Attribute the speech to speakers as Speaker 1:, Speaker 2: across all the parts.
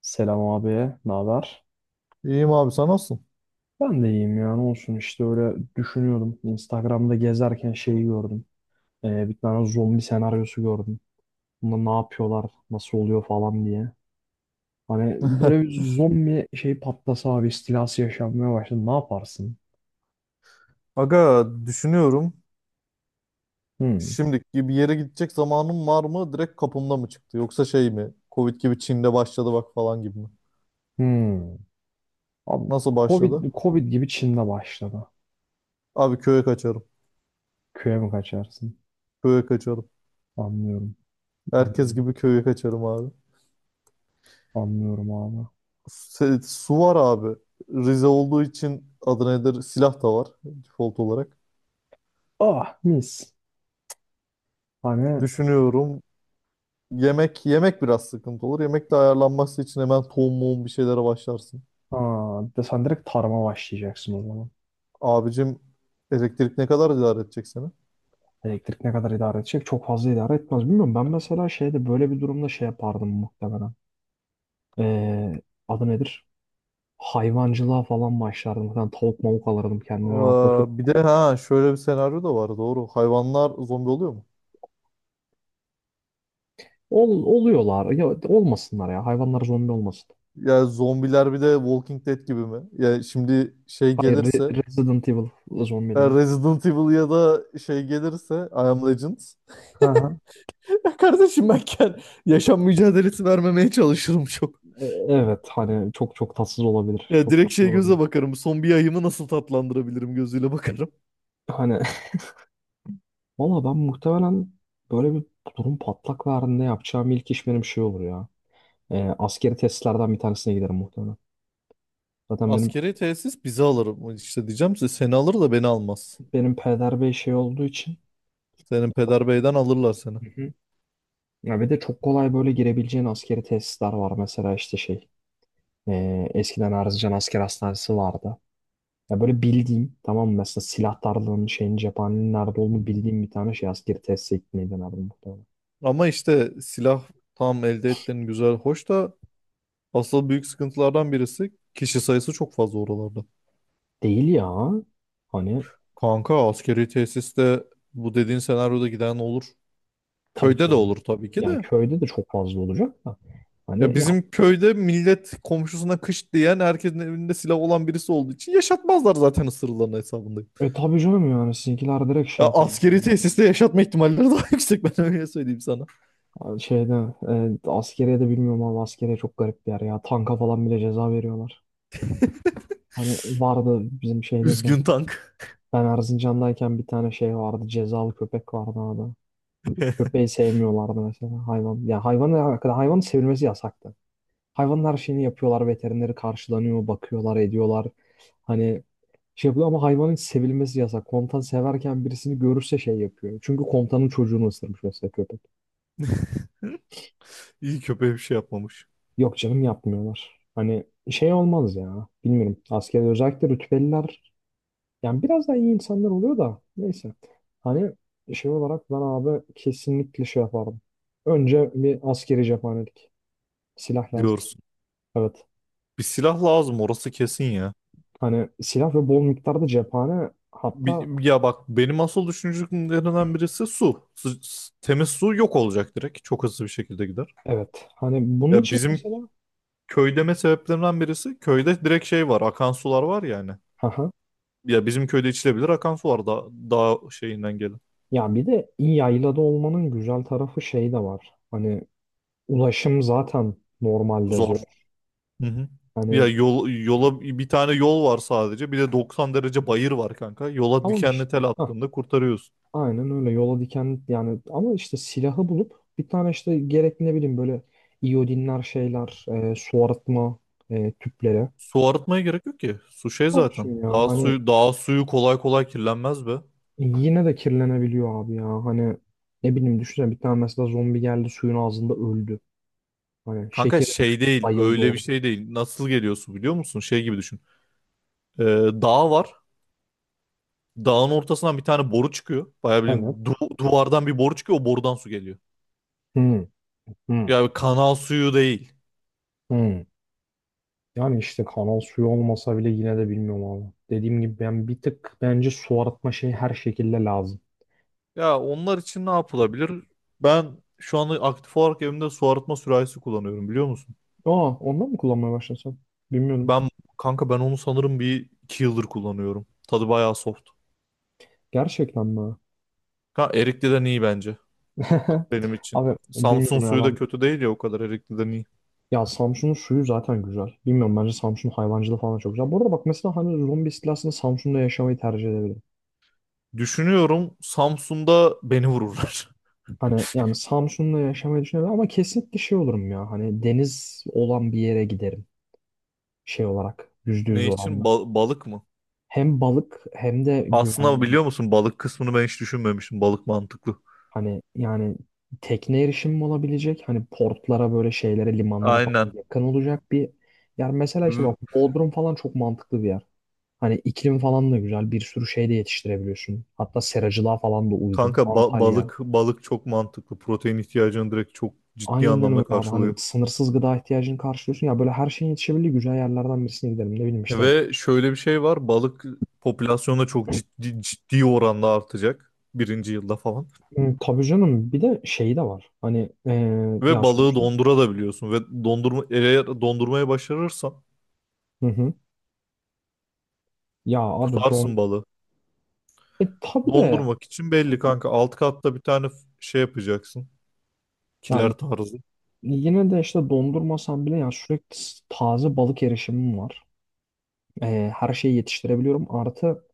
Speaker 1: Selam abi, ne haber?
Speaker 2: İyiyim abi sen nasılsın?
Speaker 1: Ben de iyiyim yani olsun işte öyle düşünüyordum. Instagram'da gezerken şeyi gördüm. Bir tane zombi senaryosu gördüm. Bunda ne yapıyorlar, nasıl oluyor falan diye. Hani böyle bir zombi şey patlasa abi istilası yaşanmaya başladı. Ne yaparsın?
Speaker 2: Aga düşünüyorum.
Speaker 1: Hmm.
Speaker 2: Şimdiki bir yere gidecek zamanım var mı? Direkt kapımda mı çıktı? Yoksa şey mi? Covid gibi Çin'de başladı bak falan gibi mi?
Speaker 1: Hmm. Abi,
Speaker 2: Nasıl başladı?
Speaker 1: Covid, Covid gibi Çin'de başladı.
Speaker 2: Abi köye kaçarım.
Speaker 1: Köye mi kaçarsın?
Speaker 2: Köye kaçarım.
Speaker 1: Anlıyorum.
Speaker 2: Herkes
Speaker 1: Anlıyorum,
Speaker 2: gibi köye kaçarım abi.
Speaker 1: anlıyorum abi.
Speaker 2: Su var abi. Rize olduğu için adı nedir? Silah da var default olarak.
Speaker 1: Ah mis. Hani
Speaker 2: Düşünüyorum. Yemek yemek biraz sıkıntı olur. Yemek de ayarlanması için hemen tohum muhum bir şeylere başlarsın.
Speaker 1: de sen direkt tarıma başlayacaksın o zaman.
Speaker 2: Abicim elektrik ne kadar idare edecek seni?
Speaker 1: Elektrik ne kadar idare edecek? Çok fazla idare etmez. Bilmiyorum. Ben mesela şeyde böyle bir durumda şey yapardım muhtemelen. Ee, adı nedir? Hayvancılığa falan başlardım. Falan tavuk mavuk alırdım kendime hemen
Speaker 2: Aa,
Speaker 1: koşup.
Speaker 2: bir de ha şöyle bir senaryo da var doğru. Hayvanlar zombi oluyor mu?
Speaker 1: Oluyorlar. Ya, olmasınlar ya. Hayvanlar zombi olmasın.
Speaker 2: Ya zombiler bir de Walking Dead gibi mi? Ya şimdi şey
Speaker 1: Hayır,
Speaker 2: gelirse
Speaker 1: Resident Evil
Speaker 2: e,
Speaker 1: zombileri.
Speaker 2: Resident Evil ya da şey gelirse I Am Legend.
Speaker 1: Hı hı.
Speaker 2: Ya kardeşim yaşam mücadelesi vermemeye çalışırım çok.
Speaker 1: Evet hani çok çok tatsız olabilir.
Speaker 2: Ya
Speaker 1: Çok
Speaker 2: direkt
Speaker 1: tatsız
Speaker 2: şey
Speaker 1: olabilir.
Speaker 2: göze bakarım. Son bir ayımı nasıl tatlandırabilirim gözüyle bakarım.
Speaker 1: Hani valla ben muhtemelen böyle bir durum patlak verdiğinde yapacağım ilk iş benim şey olur ya. Askeri tesislerden bir tanesine giderim muhtemelen. Zaten benim
Speaker 2: Askeri tesis bizi alırım. İşte diyeceğim size seni alır da beni almaz.
Speaker 1: benim peder bey şey olduğu için.
Speaker 2: Senin peder beyden alırlar seni.
Speaker 1: Hı hı. Ya bir de çok kolay böyle girebileceğin askeri tesisler var. Mesela işte şey, eskiden Erzincan Asker Hastanesi vardı. Ya böyle bildiğim tamam mı? Mesela silahlarının şeyin cephanenin nerede olduğunu bildiğim bir tane şey askeri tesise gitmeyi denerdim muhtemelen.
Speaker 2: Ama işte silah tam elde ettiğin güzel, hoş da asıl büyük sıkıntılardan birisi kişi sayısı çok fazla oralarda.
Speaker 1: Değil ya. Hani
Speaker 2: Kanka askeri tesiste bu dediğin senaryoda giden olur.
Speaker 1: tabii
Speaker 2: Köyde
Speaker 1: ki
Speaker 2: de olur
Speaker 1: olacak.
Speaker 2: tabii ki
Speaker 1: Yani
Speaker 2: de.
Speaker 1: köyde de çok fazla olacak da.
Speaker 2: Ya
Speaker 1: Hani ya,
Speaker 2: bizim köyde millet komşusuna kış diyen herkesin evinde silah olan birisi olduğu için yaşatmazlar zaten ısırılan hesabındayım.
Speaker 1: e tabii canım yani sizinkiler direkt şey
Speaker 2: Ya
Speaker 1: yapar
Speaker 2: askeri
Speaker 1: diyorlar.
Speaker 2: tesiste yaşatma ihtimalleri daha yüksek ben öyle söyleyeyim sana.
Speaker 1: Şeyde, askeriye de bilmiyorum ama askeriye çok garip bir yer ya. Tanka falan bile ceza veriyorlar. Hani vardı bizim şeydeyken.
Speaker 2: Üzgün tank.
Speaker 1: Ben Erzincan'dayken bir tane şey vardı. Cezalı köpek vardı orada. Köpeği sevmiyorlardı mesela hayvan. Ya hayvan hakkında hayvanın sevilmesi yasaktı. Hayvanın her şeyini yapıyorlar. Veterineri karşılanıyor, bakıyorlar, ediyorlar. Hani şey yapıyor ama hayvanın hiç sevilmesi yasak. Komutan severken birisini görürse şey yapıyor. Çünkü komutanın çocuğunu ısırmış mesela köpek.
Speaker 2: İyi köpeğe bir şey yapmamış
Speaker 1: Yok canım yapmıyorlar. Hani şey olmaz ya. Bilmiyorum. Askeri özellikle rütbeliler, yani biraz daha iyi insanlar oluyor da neyse. Hani şey olarak ben abi kesinlikle şey yapardım. Önce bir askeri cephanelik. Silah lazım.
Speaker 2: diyorsun.
Speaker 1: Evet.
Speaker 2: Bir silah lazım orası kesin ya.
Speaker 1: Hani silah ve bol miktarda cephane, hatta
Speaker 2: Ya bak benim asıl düşüncelerimden birisi su. Temiz su yok olacak direkt. Çok hızlı bir şekilde gider.
Speaker 1: evet. Hani bunun
Speaker 2: Ya
Speaker 1: için
Speaker 2: bizim
Speaker 1: mesela
Speaker 2: köy deme sebeplerinden birisi köyde direkt şey var. Akan sular var yani.
Speaker 1: haha.
Speaker 2: Ya bizim köyde içilebilir akan su var da daha şeyinden gelin.
Speaker 1: Ya bir de iyi yaylada olmanın güzel tarafı şey de var. Hani ulaşım zaten normalde
Speaker 2: Zor.
Speaker 1: zor.
Speaker 2: Hı hı.
Speaker 1: Hani
Speaker 2: Yola bir tane yol var sadece. Bir de 90 derece bayır var kanka. Yola
Speaker 1: tamam
Speaker 2: dikenli
Speaker 1: işte.
Speaker 2: tel attığında kurtarıyorsun.
Speaker 1: Aynen öyle yola diken yani ama işte silahı bulup bir tane işte gerekli ne bileyim böyle iyodinler şeyler, su arıtma, tüpleri.
Speaker 2: Su arıtmaya gerek yok ki. Su şey zaten.
Speaker 1: Olsun ya
Speaker 2: Daha
Speaker 1: hani
Speaker 2: suyu daha suyu kolay kolay kirlenmez be.
Speaker 1: yine de kirlenebiliyor abi, ya hani ne bileyim düşünsene bir tane mesela zombi geldi suyun ağzında öldü, hani
Speaker 2: Kanka
Speaker 1: şekeri
Speaker 2: şey
Speaker 1: düştü
Speaker 2: değil,
Speaker 1: bayıldı
Speaker 2: öyle bir
Speaker 1: orada.
Speaker 2: şey değil. Nasıl geliyorsun biliyor musun? Şey gibi düşün. Ee, dağ var. Dağın ortasından bir tane boru çıkıyor. Bayağı bilin
Speaker 1: Evet.
Speaker 2: duvardan bir boru çıkıyor. O borudan su geliyor.
Speaker 1: Hı hı
Speaker 2: Yani kanal suyu değil.
Speaker 1: hı. Yani işte kanal suyu olmasa bile yine de bilmiyorum abi. Dediğim gibi ben bir tık bence su arıtma şeyi her şekilde lazım.
Speaker 2: Ya onlar için ne yapılabilir? Ben şu anda aktif olarak evimde su arıtma sürahisi kullanıyorum biliyor musun?
Speaker 1: Aa, ondan mı kullanmaya başlasam? Bilmiyorum.
Speaker 2: Ben kanka ben onu sanırım bir iki yıldır kullanıyorum. Tadı bayağı soft.
Speaker 1: Gerçekten mi?
Speaker 2: Ha, Erikli'den iyi bence benim için.
Speaker 1: Abi
Speaker 2: Samsun
Speaker 1: bilmiyorum ya
Speaker 2: suyu da
Speaker 1: ben.
Speaker 2: kötü değil ya o kadar Erikli'den iyi.
Speaker 1: Ya Samsun'un suyu zaten güzel. Bilmiyorum, bence Samsun hayvancılığı falan da çok güzel. Bu arada bak mesela hani zombi istilasında Samsun'da yaşamayı tercih edebilirim.
Speaker 2: Düşünüyorum Samsun'da beni vururlar.
Speaker 1: Hani yani Samsun'da yaşamayı düşünebilirim ama kesinlikle şey olurum ya. Hani deniz olan bir yere giderim, şey olarak %100
Speaker 2: Ne için?
Speaker 1: oranla.
Speaker 2: Balık mı?
Speaker 1: Hem balık hem de
Speaker 2: Aslında
Speaker 1: güvenlilik.
Speaker 2: biliyor musun balık kısmını ben hiç düşünmemiştim. Balık mantıklı.
Speaker 1: Hani yani tekne erişimim olabilecek. Hani portlara böyle şeylere limanlara falan
Speaker 2: Aynen.
Speaker 1: yakın olacak bir yer. Mesela işte
Speaker 2: V-
Speaker 1: bak Bodrum falan çok mantıklı bir yer. Hani iklim falan da güzel. Bir sürü şey de yetiştirebiliyorsun. Hatta seracılığa falan da uygun.
Speaker 2: Kanka ba-
Speaker 1: Antalya.
Speaker 2: balık balık çok mantıklı. Protein ihtiyacını direkt çok ciddi
Speaker 1: Aynen öyle
Speaker 2: anlamda
Speaker 1: abi. Hani
Speaker 2: karşılıyor.
Speaker 1: sınırsız gıda ihtiyacını karşılıyorsun. Ya böyle her şeyin yetişebildiği güzel yerlerden birisine gidelim. Ne bileyim işte.
Speaker 2: Ve şöyle bir şey var. Balık popülasyonda çok ciddi ciddi oranda artacak. Birinci yılda falan.
Speaker 1: Hmm, tabii canım. Bir de şeyi de var. Hani
Speaker 2: Ve
Speaker 1: ya
Speaker 2: balığı
Speaker 1: sonuçta.
Speaker 2: dondurabiliyorsun. Ve dondurma eğer dondurmaya başarırsan
Speaker 1: Hı hı. Ya abi don...
Speaker 2: tutarsın balığı.
Speaker 1: E tabii de.
Speaker 2: Dondurmak için belli
Speaker 1: Hani,
Speaker 2: kanka. Alt katta bir tane şey yapacaksın.
Speaker 1: ya
Speaker 2: Kiler tarzı.
Speaker 1: yine de işte dondurmasam bile ya sürekli taze balık erişimim var. E, her şeyi yetiştirebiliyorum. Artı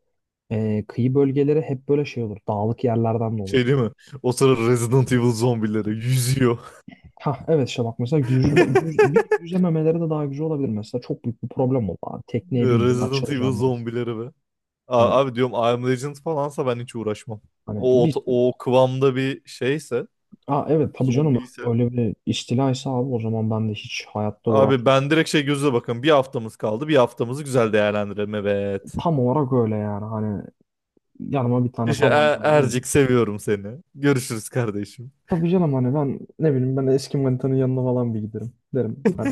Speaker 1: kıyı bölgeleri hep böyle şey olur. Dağlık yerlerden de
Speaker 2: Şey
Speaker 1: oluşur.
Speaker 2: değil mi? O sıra Resident Evil zombileri yüzüyor.
Speaker 1: Ha evet işte bak mesela bir yüzememeleri de daha güzel olabilir mesela. Çok büyük bir problem oldu abi. Tekneye bineceğim,
Speaker 2: Resident Evil
Speaker 1: açılacağım biraz.
Speaker 2: zombileri be.
Speaker 1: Hani
Speaker 2: Abi diyorum I Am Legend falansa ben hiç uğraşmam.
Speaker 1: hani
Speaker 2: O,
Speaker 1: bir,
Speaker 2: o, o kıvamda bir şeyse,
Speaker 1: aa, evet tabii canım
Speaker 2: zombiyse.
Speaker 1: öyle bir istilaysa abi o zaman ben de hiç hayatta
Speaker 2: Abi
Speaker 1: uğraşmam.
Speaker 2: ben direkt şey gözle bakın. Bir haftamız kaldı. Bir haftamızı güzel değerlendirelim. Evet.
Speaker 1: Tam olarak öyle yani. Hani yanıma bir tane
Speaker 2: İşte
Speaker 1: tabanca alırım.
Speaker 2: Ercik seviyorum seni. Görüşürüz kardeşim.
Speaker 1: Tabii canım hani ben ne bileyim ben eski manitanın yanına falan bir giderim. Derim hani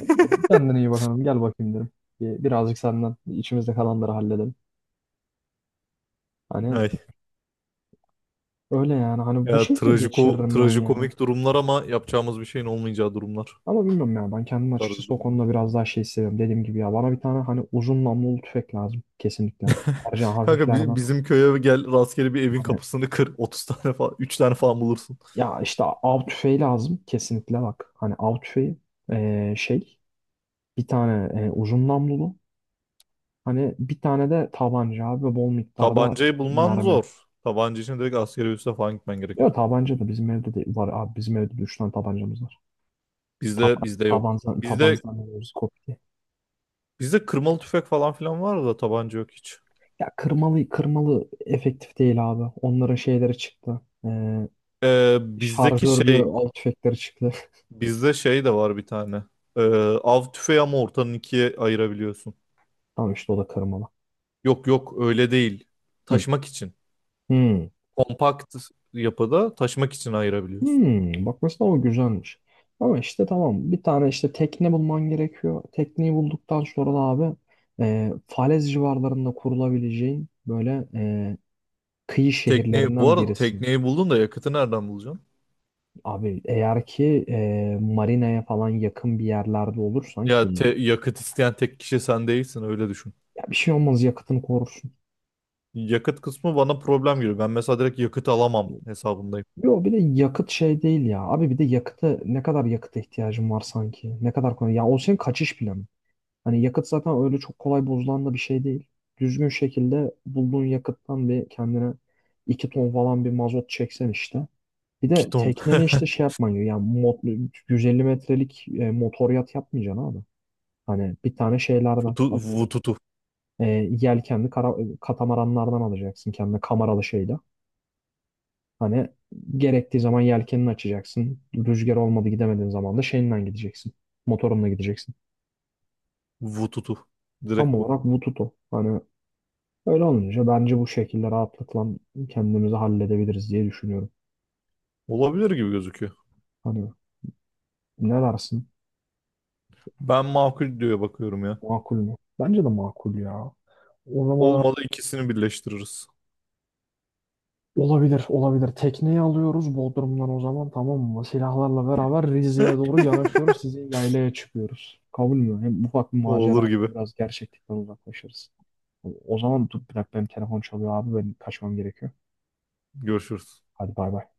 Speaker 1: kendine iyi bakalım gel bakayım derim. Birazcık senden içimizde kalanları halledelim. Hani
Speaker 2: Ay.
Speaker 1: öyle yani hani bu
Speaker 2: Ya
Speaker 1: şekilde geçiririm ben yani.
Speaker 2: trajikomik durumlar ama yapacağımız bir şeyin olmayacağı durumlar.
Speaker 1: Ama bilmiyorum ya ben
Speaker 2: Bu
Speaker 1: kendim
Speaker 2: tarz bir
Speaker 1: açıkçası o
Speaker 2: durumlar.
Speaker 1: konuda biraz daha şey seviyorum. Dediğim gibi ya bana bir tane hani uzun namlulu tüfek lazım kesinlikle. Tercihen
Speaker 2: Kanka
Speaker 1: hafiflerden.
Speaker 2: bizim köye gel rastgele bir evin
Speaker 1: Hani
Speaker 2: kapısını kır. Otuz tane falan 3 tane falan bulursun.
Speaker 1: ya işte av tüfeği lazım kesinlikle bak. Hani av tüfeği, şey, bir tane uzun namlulu. Hani bir tane de tabanca abi ve bol miktarda
Speaker 2: Tabancayı bulman
Speaker 1: mermi.
Speaker 2: zor. Tabanca için direkt askeri üste falan gitmen
Speaker 1: Ya
Speaker 2: gerekir.
Speaker 1: tabanca da bizim evde de var abi. Bizim evde de üç tane tabancamız var.
Speaker 2: Bizde bizde yok.
Speaker 1: Tabanzan,
Speaker 2: Bizde
Speaker 1: tabanzan diyoruz kopya.
Speaker 2: bizde kırmalı tüfek falan filan var da tabanca yok hiç.
Speaker 1: Ya kırmalı kırmalı efektif değil abi. Onların şeyleri çıktı.
Speaker 2: Ee, bizdeki
Speaker 1: Şarjörlü
Speaker 2: şey
Speaker 1: av tüfekleri çıktı.
Speaker 2: bizde şey de var bir tane. Ee, av tüfeği ama ortanın ikiye ayırabiliyorsun.
Speaker 1: Tamam işte o da kırmalı.
Speaker 2: Yok yok öyle değil.
Speaker 1: Hı.
Speaker 2: Taşımak için.
Speaker 1: Hmm.
Speaker 2: Kompakt yapıda taşımak için ayırabiliyorsun.
Speaker 1: Hmm. Bak mesela o güzelmiş. Ama işte tamam bir tane işte tekne bulman gerekiyor. Tekneyi bulduktan sonra da abi Falez civarlarında kurulabileceğin böyle kıyı
Speaker 2: Bu
Speaker 1: şehirlerinden
Speaker 2: arada
Speaker 1: birisin.
Speaker 2: tekneyi buldun da yakıtı nereden bulacaksın?
Speaker 1: Abi eğer ki marinaya falan yakın bir yerlerde olursan
Speaker 2: Ya
Speaker 1: ki
Speaker 2: yakıt isteyen tek kişi sen değilsin öyle düşün.
Speaker 1: ya bir şey olmaz yakıtını korursun.
Speaker 2: Yakıt kısmı bana problem gibi. Ben mesela direkt yakıt alamam hesabındayım.
Speaker 1: Yo bir de yakıt şey değil ya. Abi bir de yakıtı, ne kadar yakıta ihtiyacın var sanki? Ne kadar kolay. Ya o senin kaçış planı. Hani yakıt zaten öyle çok kolay bozulan da bir şey değil. Düzgün şekilde bulduğun yakıttan bir kendine 2 ton falan bir mazot çeksen işte. Bir
Speaker 2: 2
Speaker 1: de
Speaker 2: ton.
Speaker 1: tekneni işte şey yapman gerekiyor. Yani 150 metrelik motor yat yapmayacaksın abi. Hani bir tane şeylerden adı nedir?
Speaker 2: Vututu.
Speaker 1: E, yelkenli katamaranlardan alacaksın kendine kameralı şeyle. Hani gerektiği zaman yelkenini açacaksın. Rüzgar olmadı gidemediğin zaman da şeyinden gideceksin. Motorunla gideceksin.
Speaker 2: Vututu.
Speaker 1: Tam
Speaker 2: Direkt bu.
Speaker 1: olarak bu tutu. Hani öyle olunca bence bu şekilde rahatlıkla kendimizi halledebiliriz diye düşünüyorum.
Speaker 2: Olabilir gibi gözüküyor.
Speaker 1: Hani ne dersin?
Speaker 2: Ben makul diye bakıyorum ya.
Speaker 1: Makul mü? Bence de makul ya. O zaman ha-
Speaker 2: Olmadı ikisini birleştiririz.
Speaker 1: Olabilir, olabilir. Tekneyi alıyoruz Bodrum'dan o zaman, tamam mı? Silahlarla beraber Rize'ye doğru yanaşıyoruz. Sizin yaylaya çıkıyoruz. Kabul mü? Hem ufak bir
Speaker 2: O
Speaker 1: macera,
Speaker 2: olur
Speaker 1: olur,
Speaker 2: gibi.
Speaker 1: biraz gerçeklikten uzaklaşırız. O zaman dur bir dakika benim telefon çalıyor abi. Benim kaçmam gerekiyor.
Speaker 2: Görüşürüz.
Speaker 1: Hadi bay bay.